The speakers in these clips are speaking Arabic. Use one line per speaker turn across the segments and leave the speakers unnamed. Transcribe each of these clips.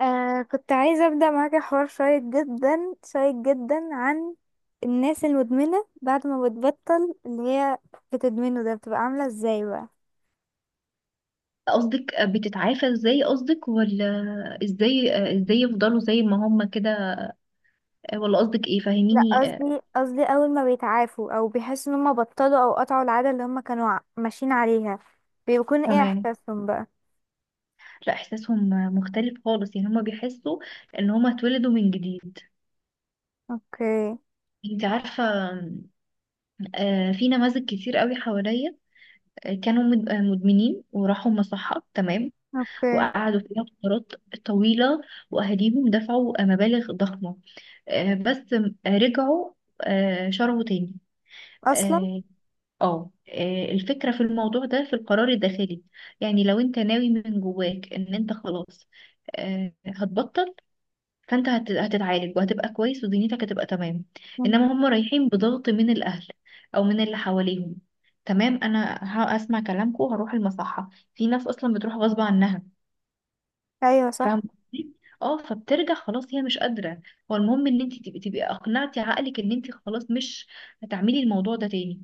كنت عايزة أبدأ معاكي حوار شيق جدا شيق جدا، عن الناس المدمنة بعد ما بتبطل اللي هي بتدمنه ده بتبقى عاملة ازاي بقى.
قصدك بتتعافى ازاي؟ قصدك ولا ازاي يفضلوا زي ما هم كده؟ ولا قصدك ايه؟
لا
فاهميني؟
قصدي أول ما بيتعافوا أو بيحسوا إن هما بطلوا أو قطعوا العادة اللي هما كانوا ماشيين عليها، بيكون ايه
تمام.
إحساسهم بقى؟
لا، احساسهم مختلف خالص، يعني هم بيحسوا ان هم اتولدوا من جديد.
اوكي.
انت عارفة؟ في نماذج كتير قوي حواليا، كانوا مدمنين وراحوا مصحة. تمام.
اوكي.
وقعدوا فيها فترات طويلة، واهاليهم دفعوا مبالغ ضخمة. بس رجعوا، شربوا تاني.
أصلا.
آه، الفكرة في الموضوع ده في القرار الداخلي. يعني لو انت ناوي من جواك ان انت خلاص هتبطل، فانت هتتعالج وهتبقى كويس ودنيتك هتبقى تمام.
مم.
انما هم رايحين بضغط من الاهل او من اللي حواليهم. تمام، انا هسمع كلامكم وهروح المصحة. في ناس اصلا بتروح غصب عنها.
أيوة
فاهم
صح.
قصدي؟ اه، فبترجع، خلاص هي مش قادرة. هو المهم ان انت تبقي اقنعتي عقلك ان انت خلاص مش هتعملي الموضوع ده تاني.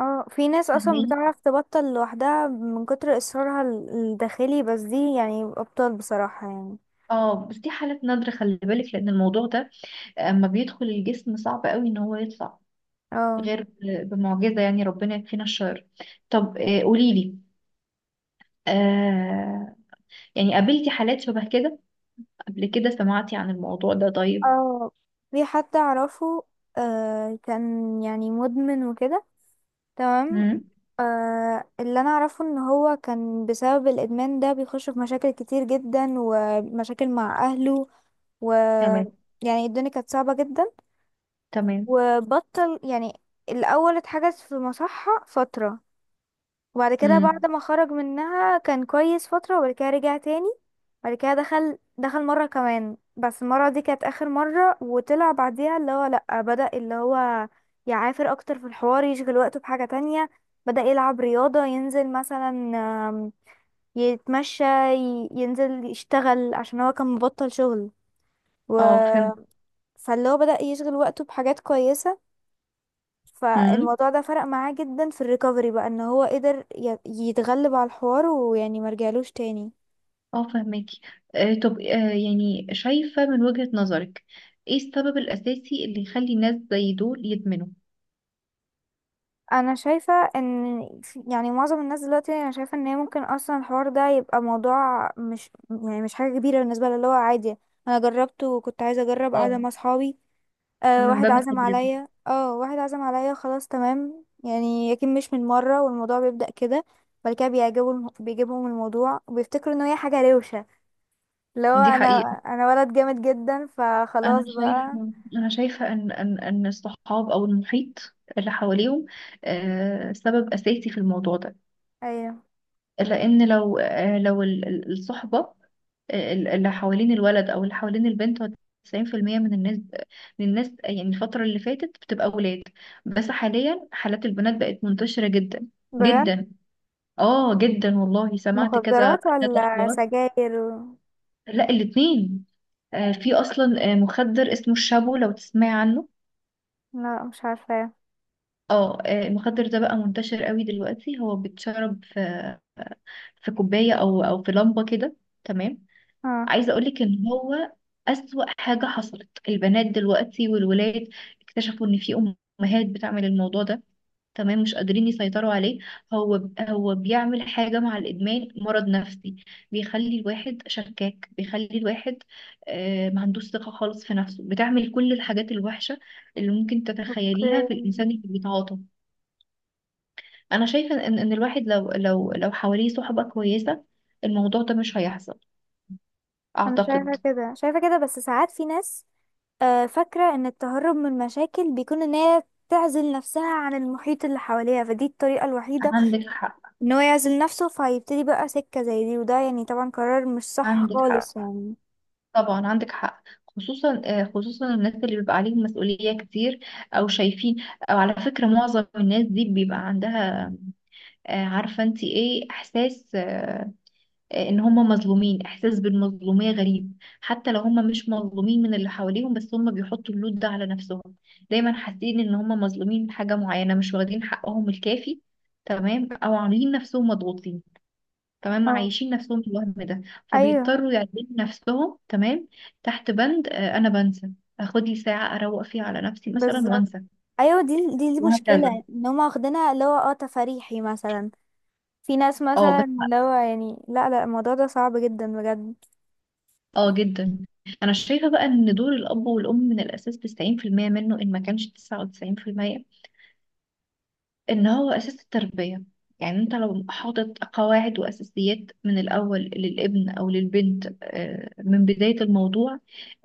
اه في ناس أصلا
فاهماني؟
بتعرف تبطل لوحدها من كتر إصرارها الداخلي، بس دي يعني أبطال بصراحة يعني.
اه، بس دي حالات نادرة، خلي بالك، لأن الموضوع ده أما بيدخل الجسم صعب قوي إن هو يطلع،
اه.
غير بمعجزة. يعني ربنا يكفينا الشر. طب قوليلي، آه يعني قابلتي حالات شبه كده قبل كده؟ سمعتي عن الموضوع ده؟ طيب.
اه في حد اعرفه، آه كان يعني مدمن وكده. تمام.
مم.
آه اللي انا اعرفه ان هو كان بسبب الادمان ده بيخش في مشاكل كتير جدا ومشاكل مع اهله و...
تمام.
يعني الدنيا كانت صعبة جدا،
تمام.
وبطل يعني. الاول اتحجز في مصحة فترة، وبعد كده
مم.
بعد ما خرج منها كان كويس فترة، وبعد كده رجع تاني. بعد كده دخل مرة كمان، بس المرة دي كانت آخر مرة، وطلع بعديها اللي هو لأ، بدأ اللي هو يعافر أكتر في الحوار، يشغل وقته بحاجة تانية. بدأ يلعب رياضة، ينزل مثلا آم، يتمشى، ينزل يشتغل عشان هو كان مبطل شغل و...
اه، فهمت.
فاللي هو بدأ يشغل وقته بحاجات كويسة.
مم.
فالموضوع ده فرق معاه جدا في الريكفري بقى، ان هو قدر يتغلب على الحوار ويعني مرجعلوش تاني.
اه، فهماكي. طب، يعني شايفة من وجهة نظرك ايه السبب الأساسي اللي يخلي الناس زي دول يدمنوا؟
انا شايفة ان يعني معظم الناس دلوقتي انا شايفة ان هي ممكن اصلا الحوار ده يبقى موضوع مش يعني مش حاجة كبيرة بالنسبة لها، اللي هو عادي. انا جربته وكنت عايزة اجرب قاعدة
اه،
مع صحابي، آه
من
واحد
باب
عزم
التجربة.
عليا، اه واحد عزم عليا خلاص تمام يعني، يمكن مش من مرة والموضوع بيبدأ كده. بعد كده بيعجبوا بيجيبهم الموضوع وبيفتكروا ان هي حاجة روشة. لو
دي
انا
حقيقة.
انا ولد جامد جدا فخلاص
انا
بقى.
شايفه انا شايفه ان الصحاب او المحيط اللي حواليهم سبب اساسي في الموضوع ده.
ايوه.
لان لو الصحبه، اللي حوالين الولد او اللي حوالين البنت، هو 90% من الناس، من الناس. يعني الفتره اللي فاتت بتبقى ولاد، بس حاليا حالات البنات بقت منتشره جدا
بجد؟
جدا. اه جدا، والله سمعت كذا
مخدرات
كذا
ولا
اخبار.
سجاير و...
لا، الاتنين. في اصلا مخدر اسمه الشابو، لو تسمعي عنه.
لا مش عارفه.
المخدر ده بقى منتشر قوي دلوقتي، هو بيتشرب في كوباية او في لمبة كده. تمام.
اه.
عايزة اقولك ان هو اسوأ حاجة حصلت، البنات دلوقتي والولاد اكتشفوا ان في امهات بتعمل الموضوع ده. تمام، مش قادرين يسيطروا عليه. هو بيعمل حاجة مع الادمان، مرض نفسي، بيخلي الواحد شكاك، بيخلي الواحد ما عندوش ثقة خالص في نفسه، بتعمل كل الحاجات الوحشة اللي ممكن تتخيليها في الانسان
اوكي.
اللي بيتعاطى. انا شايفه ان الواحد لو حواليه صحبه كويسه، الموضوع ده مش هيحصل،
انا شايفه
اعتقد.
كده، شايفه كده، بس ساعات في ناس فاكره ان التهرب من المشاكل بيكون ان هي تعزل نفسها عن المحيط اللي حواليها، فدي الطريقه الوحيده
عندك حق.
ان هو يعزل نفسه، فيبتدي بقى سكه زي دي، وده يعني طبعا قرار مش صح
عندك
خالص
حق،
يعني.
طبعا عندك حق. خصوصا خصوصا الناس اللي بيبقى عليهم مسؤوليه كتير، او شايفين، او على فكره معظم الناس دي بيبقى عندها عارفه انت ايه احساس ان هم مظلومين، احساس بالمظلوميه غريب، حتى لو هم مش مظلومين من اللي حواليهم بس هم بيحطوا اللود ده على نفسهم. دايما حاسين ان هم مظلومين من حاجه معينه، مش واخدين حقهم الكافي، تمام، او عاملين نفسهم مضغوطين، تمام،
اه.
عايشين نفسهم الوهم ده.
ايوه
فبيضطروا يعيشوا نفسهم، تمام، تحت بند انا بنسى، اخد لي ساعه اروق فيها على نفسي مثلا
بالظبط.
وانسى،
ايوه دي
وهكذا.
مشكله، ان هم واخدينها اللي هو اه تفريحي مثلا. في ناس
اه،
مثلا
بس.
اللي هو يعني لا الموضوع ده صعب جدا بجد.
اه جدا. انا شايفه بقى ان دور الاب والام من الاساس 90% منه، ان ما كانش 99%، ان هو اساس التربية. يعني انت لو حاطط قواعد واساسيات من الاول للابن او للبنت، من بداية الموضوع،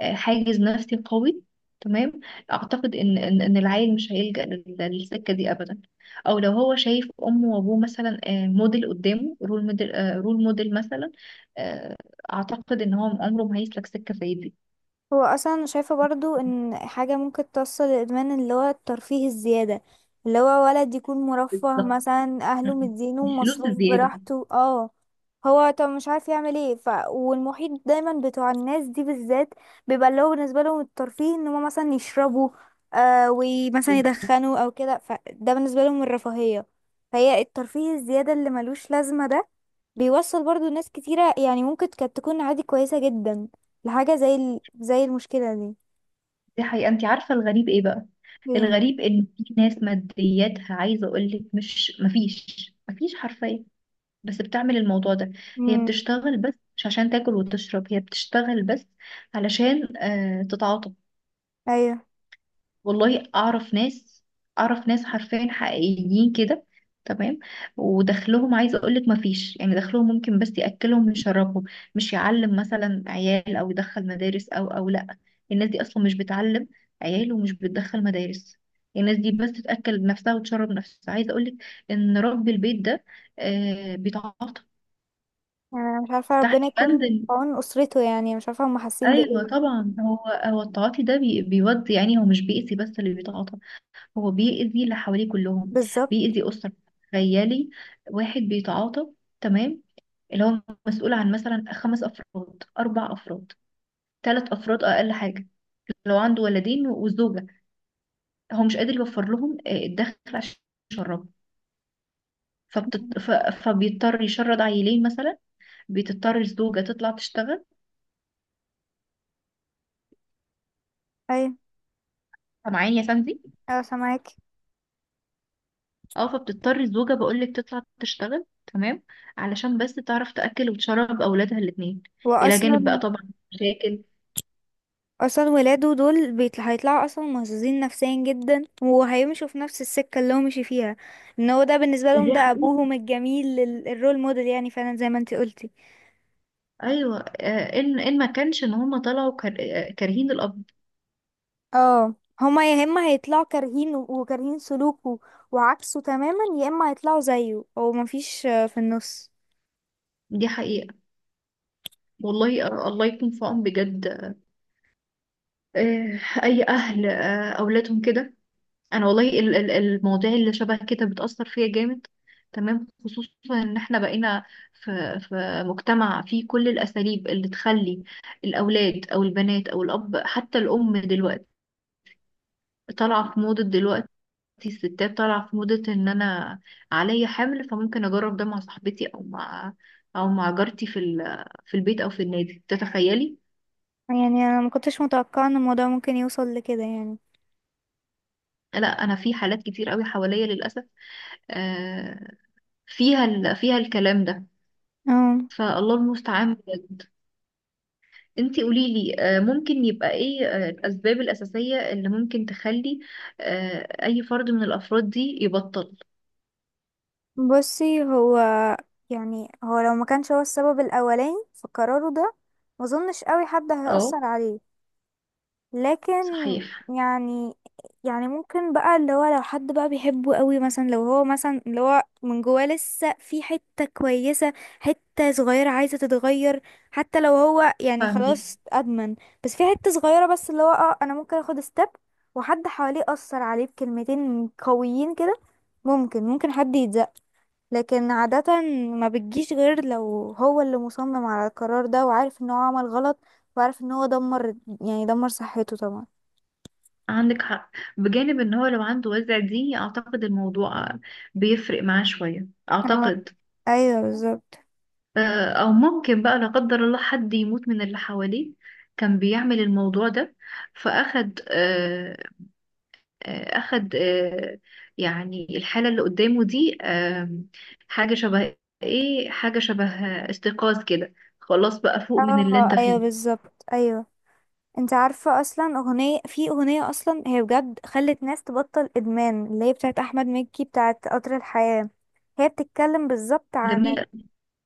حاجز نفسي قوي. تمام. اعتقد ان إن العيل مش هيلجأ للسكة دي ابدا. او لو هو شايف امه وابوه مثلا موديل قدامه، رول موديل، رول موديل مثلا، آه، اعتقد ان هو عمره ما هيسلك سكة زي دي.
هو اصلا شايفه برضو ان حاجه ممكن توصل للادمان اللي هو الترفيه الزياده، اللي هو ولد يكون مرفه
بالظبط.
مثلا
م-
اهله
م.
مدينه
الفلوس
مصروف
الزيادة.
براحته اه. هو طب مش عارف يعمل ايه ف... والمحيط دايما بتوع الناس دي بالذات بيبقى اللي هو بالنسبه لهم الترفيه ان هم مثلا يشربوا، آه ومثلا يدخنوا او كده، فده بالنسبه لهم الرفاهيه. فهي الترفيه الزياده اللي ملوش لازمه ده بيوصل برضو ناس كتيره، يعني ممكن كانت تكون عادي كويسه جدا لحاجه زي ال... زي المشكله دي.
دي حقيقة. انت عارفة الغريب ايه بقى؟
ايه؟
الغريب ان في ناس مادياتها، عايزة اقولك، مش، مفيش حرفيا، بس بتعمل الموضوع ده. هي
امم.
بتشتغل بس مش عشان تاكل وتشرب، هي بتشتغل بس علشان تتعاطف.
ايوه
والله اعرف ناس، اعرف ناس حرفيا حقيقيين كده. تمام. ودخلهم، عايزه اقول لك، ما فيش، يعني دخلهم ممكن بس ياكلهم ويشربهم، مش يعلم مثلا عيال او يدخل مدارس، او لا، الناس دي اصلا مش بتعلم عيال ومش بتدخل مدارس. الناس دي بس تاكل نفسها وتشرب نفسها. عايزه اقول لك ان رب البيت ده بيتعاطى
يعني أنا مش عارفه،
تحت
ربنا
بند
يكون في عون اسرته، يعني مش عارفه هم حاسين
ايوه،
بايه.
طبعا. هو التعاطي ده بيودي، يعني هو مش بيأذي بس اللي بيتعاطى، هو بيأذي اللي حواليه كلهم،
بالظبط.
بيأذي أسرة. تخيلي واحد بيتعاطى، تمام، اللي هو مسؤول عن مثلا خمس أفراد، أربع أفراد، ثلاث أفراد، أقل حاجة لو عنده ولدين وزوجة، هو مش قادر يوفر لهم الدخل عشان يشربوا. فبيضطر يشرد عيلين مثلا، بتضطر الزوجة تطلع تشتغل.
ايوه.
سامعاني يا سندي؟
ايوه سامعاكي.
اه، فبتضطر الزوجة، بقولك، تطلع تشتغل، تمام، علشان بس تعرف تأكل وتشرب أولادها الاتنين، إلى جانب بقى
واصلا
طبعا مشاكل.
اصلا ولاده دول بيطل... هيطلعوا اصلا مهزوزين نفسيا جدا، وهيمشوا في نفس السكه اللي هو مشي فيها، ان هو ده بالنسبه لهم
دي
ده
حقيقة.
ابوهم الجميل الرول موديل، يعني فعلا زي ما انت قلتي.
أيوة، إن ما كانش إن هما طلعوا كارهين الأب.
اه. هما يا اما هيطلعوا كارهين وكارهين سلوكه وعكسه تماما، يا اما هيطلعوا زيه، او مفيش في النص.
دي حقيقة. والله الله يكون في عون بجد أي أهل أولادهم كده. أنا والله المواضيع اللي شبه كده بتأثر فيا جامد، تمام، خصوصا إن إحنا بقينا في مجتمع فيه كل الأساليب اللي تخلي الأولاد أو البنات أو الأب حتى الأم دلوقتي طالعة في موضة. دلوقتي الستات طالعة في موضة ان انا عليا حمل، فممكن اجرب ده مع صاحبتي او مع او مع جارتي في في البيت او في النادي، تتخيلي؟
يعني انا ما كنتش متوقعه ان الموضوع ممكن يوصل لكده يعني.
لا، انا في حالات كتير قوي حواليا للاسف آه، فيها فيها الكلام ده.
اه.
فالله المستعان بجد. انتي قولي لي، ممكن يبقى ايه الاسباب الاساسية اللي ممكن تخلي اي فرد من الافراد دي يبطل؟
بصي هو يعني هو لو ما كانش هو السبب الاولاني في قراره ده، ما اظنش قوي حد
اه.
هيأثر عليه. لكن
صحيح.
يعني، ممكن بقى اللي هو لو حد بقى بيحبه قوي مثلا، لو هو مثلا اللي هو من جواه لسه في حتة كويسة، حتة صغيرة عايزة تتغير، حتى لو هو يعني
فاهمك.
خلاص ادمن، بس في حتة صغيرة بس اللي هو اه انا ممكن اخد ستيب، وحد حواليه اثر عليه بكلمتين قويين كده، ممكن حد يتزق. لكن عادة ما بتجيش غير لو هو اللي مصمم على القرار ده، وعارف ان هو عمل غلط، وعارف ان هو دمر، يعني دمر صحته طبعا.
عندك حق. بجانب ان هو لو عنده وزع دي، اعتقد الموضوع بيفرق معاه شوية،
اه
اعتقد.
ايوه بالظبط.
او ممكن بقى، لا قدر الله، حد يموت من اللي حواليه كان بيعمل الموضوع ده، فاخد آه، آه، اخد، يعني الحالة اللي قدامه دي حاجة شبه، ايه، حاجة شبه استيقاظ كده، خلاص بقى فوق من اللي
اه
انت
ايوه
فيه.
بالظبط ايوه. انت عارفه اصلا اغنيه، في اغنيه اصلا هي بجد خلت ناس تبطل ادمان، اللي هي بتاعت احمد مكي، بتاعت قطر الحياه. هي بتتكلم بالظبط عن
جميلة.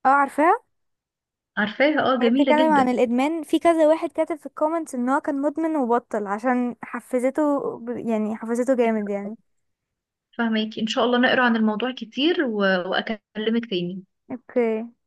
اه... عارفاها؟
عارفاها، اه،
هي
جميلة
بتتكلم عن
جدا.
الادمان، في كذا واحد كاتب في الكومنتس ان هو كان مدمن وبطل عشان حفزته يعني حفزته جامد يعني.
فهماكي، ان شاء الله نقرا عن الموضوع كتير و... واكلمك تاني.
اوكي.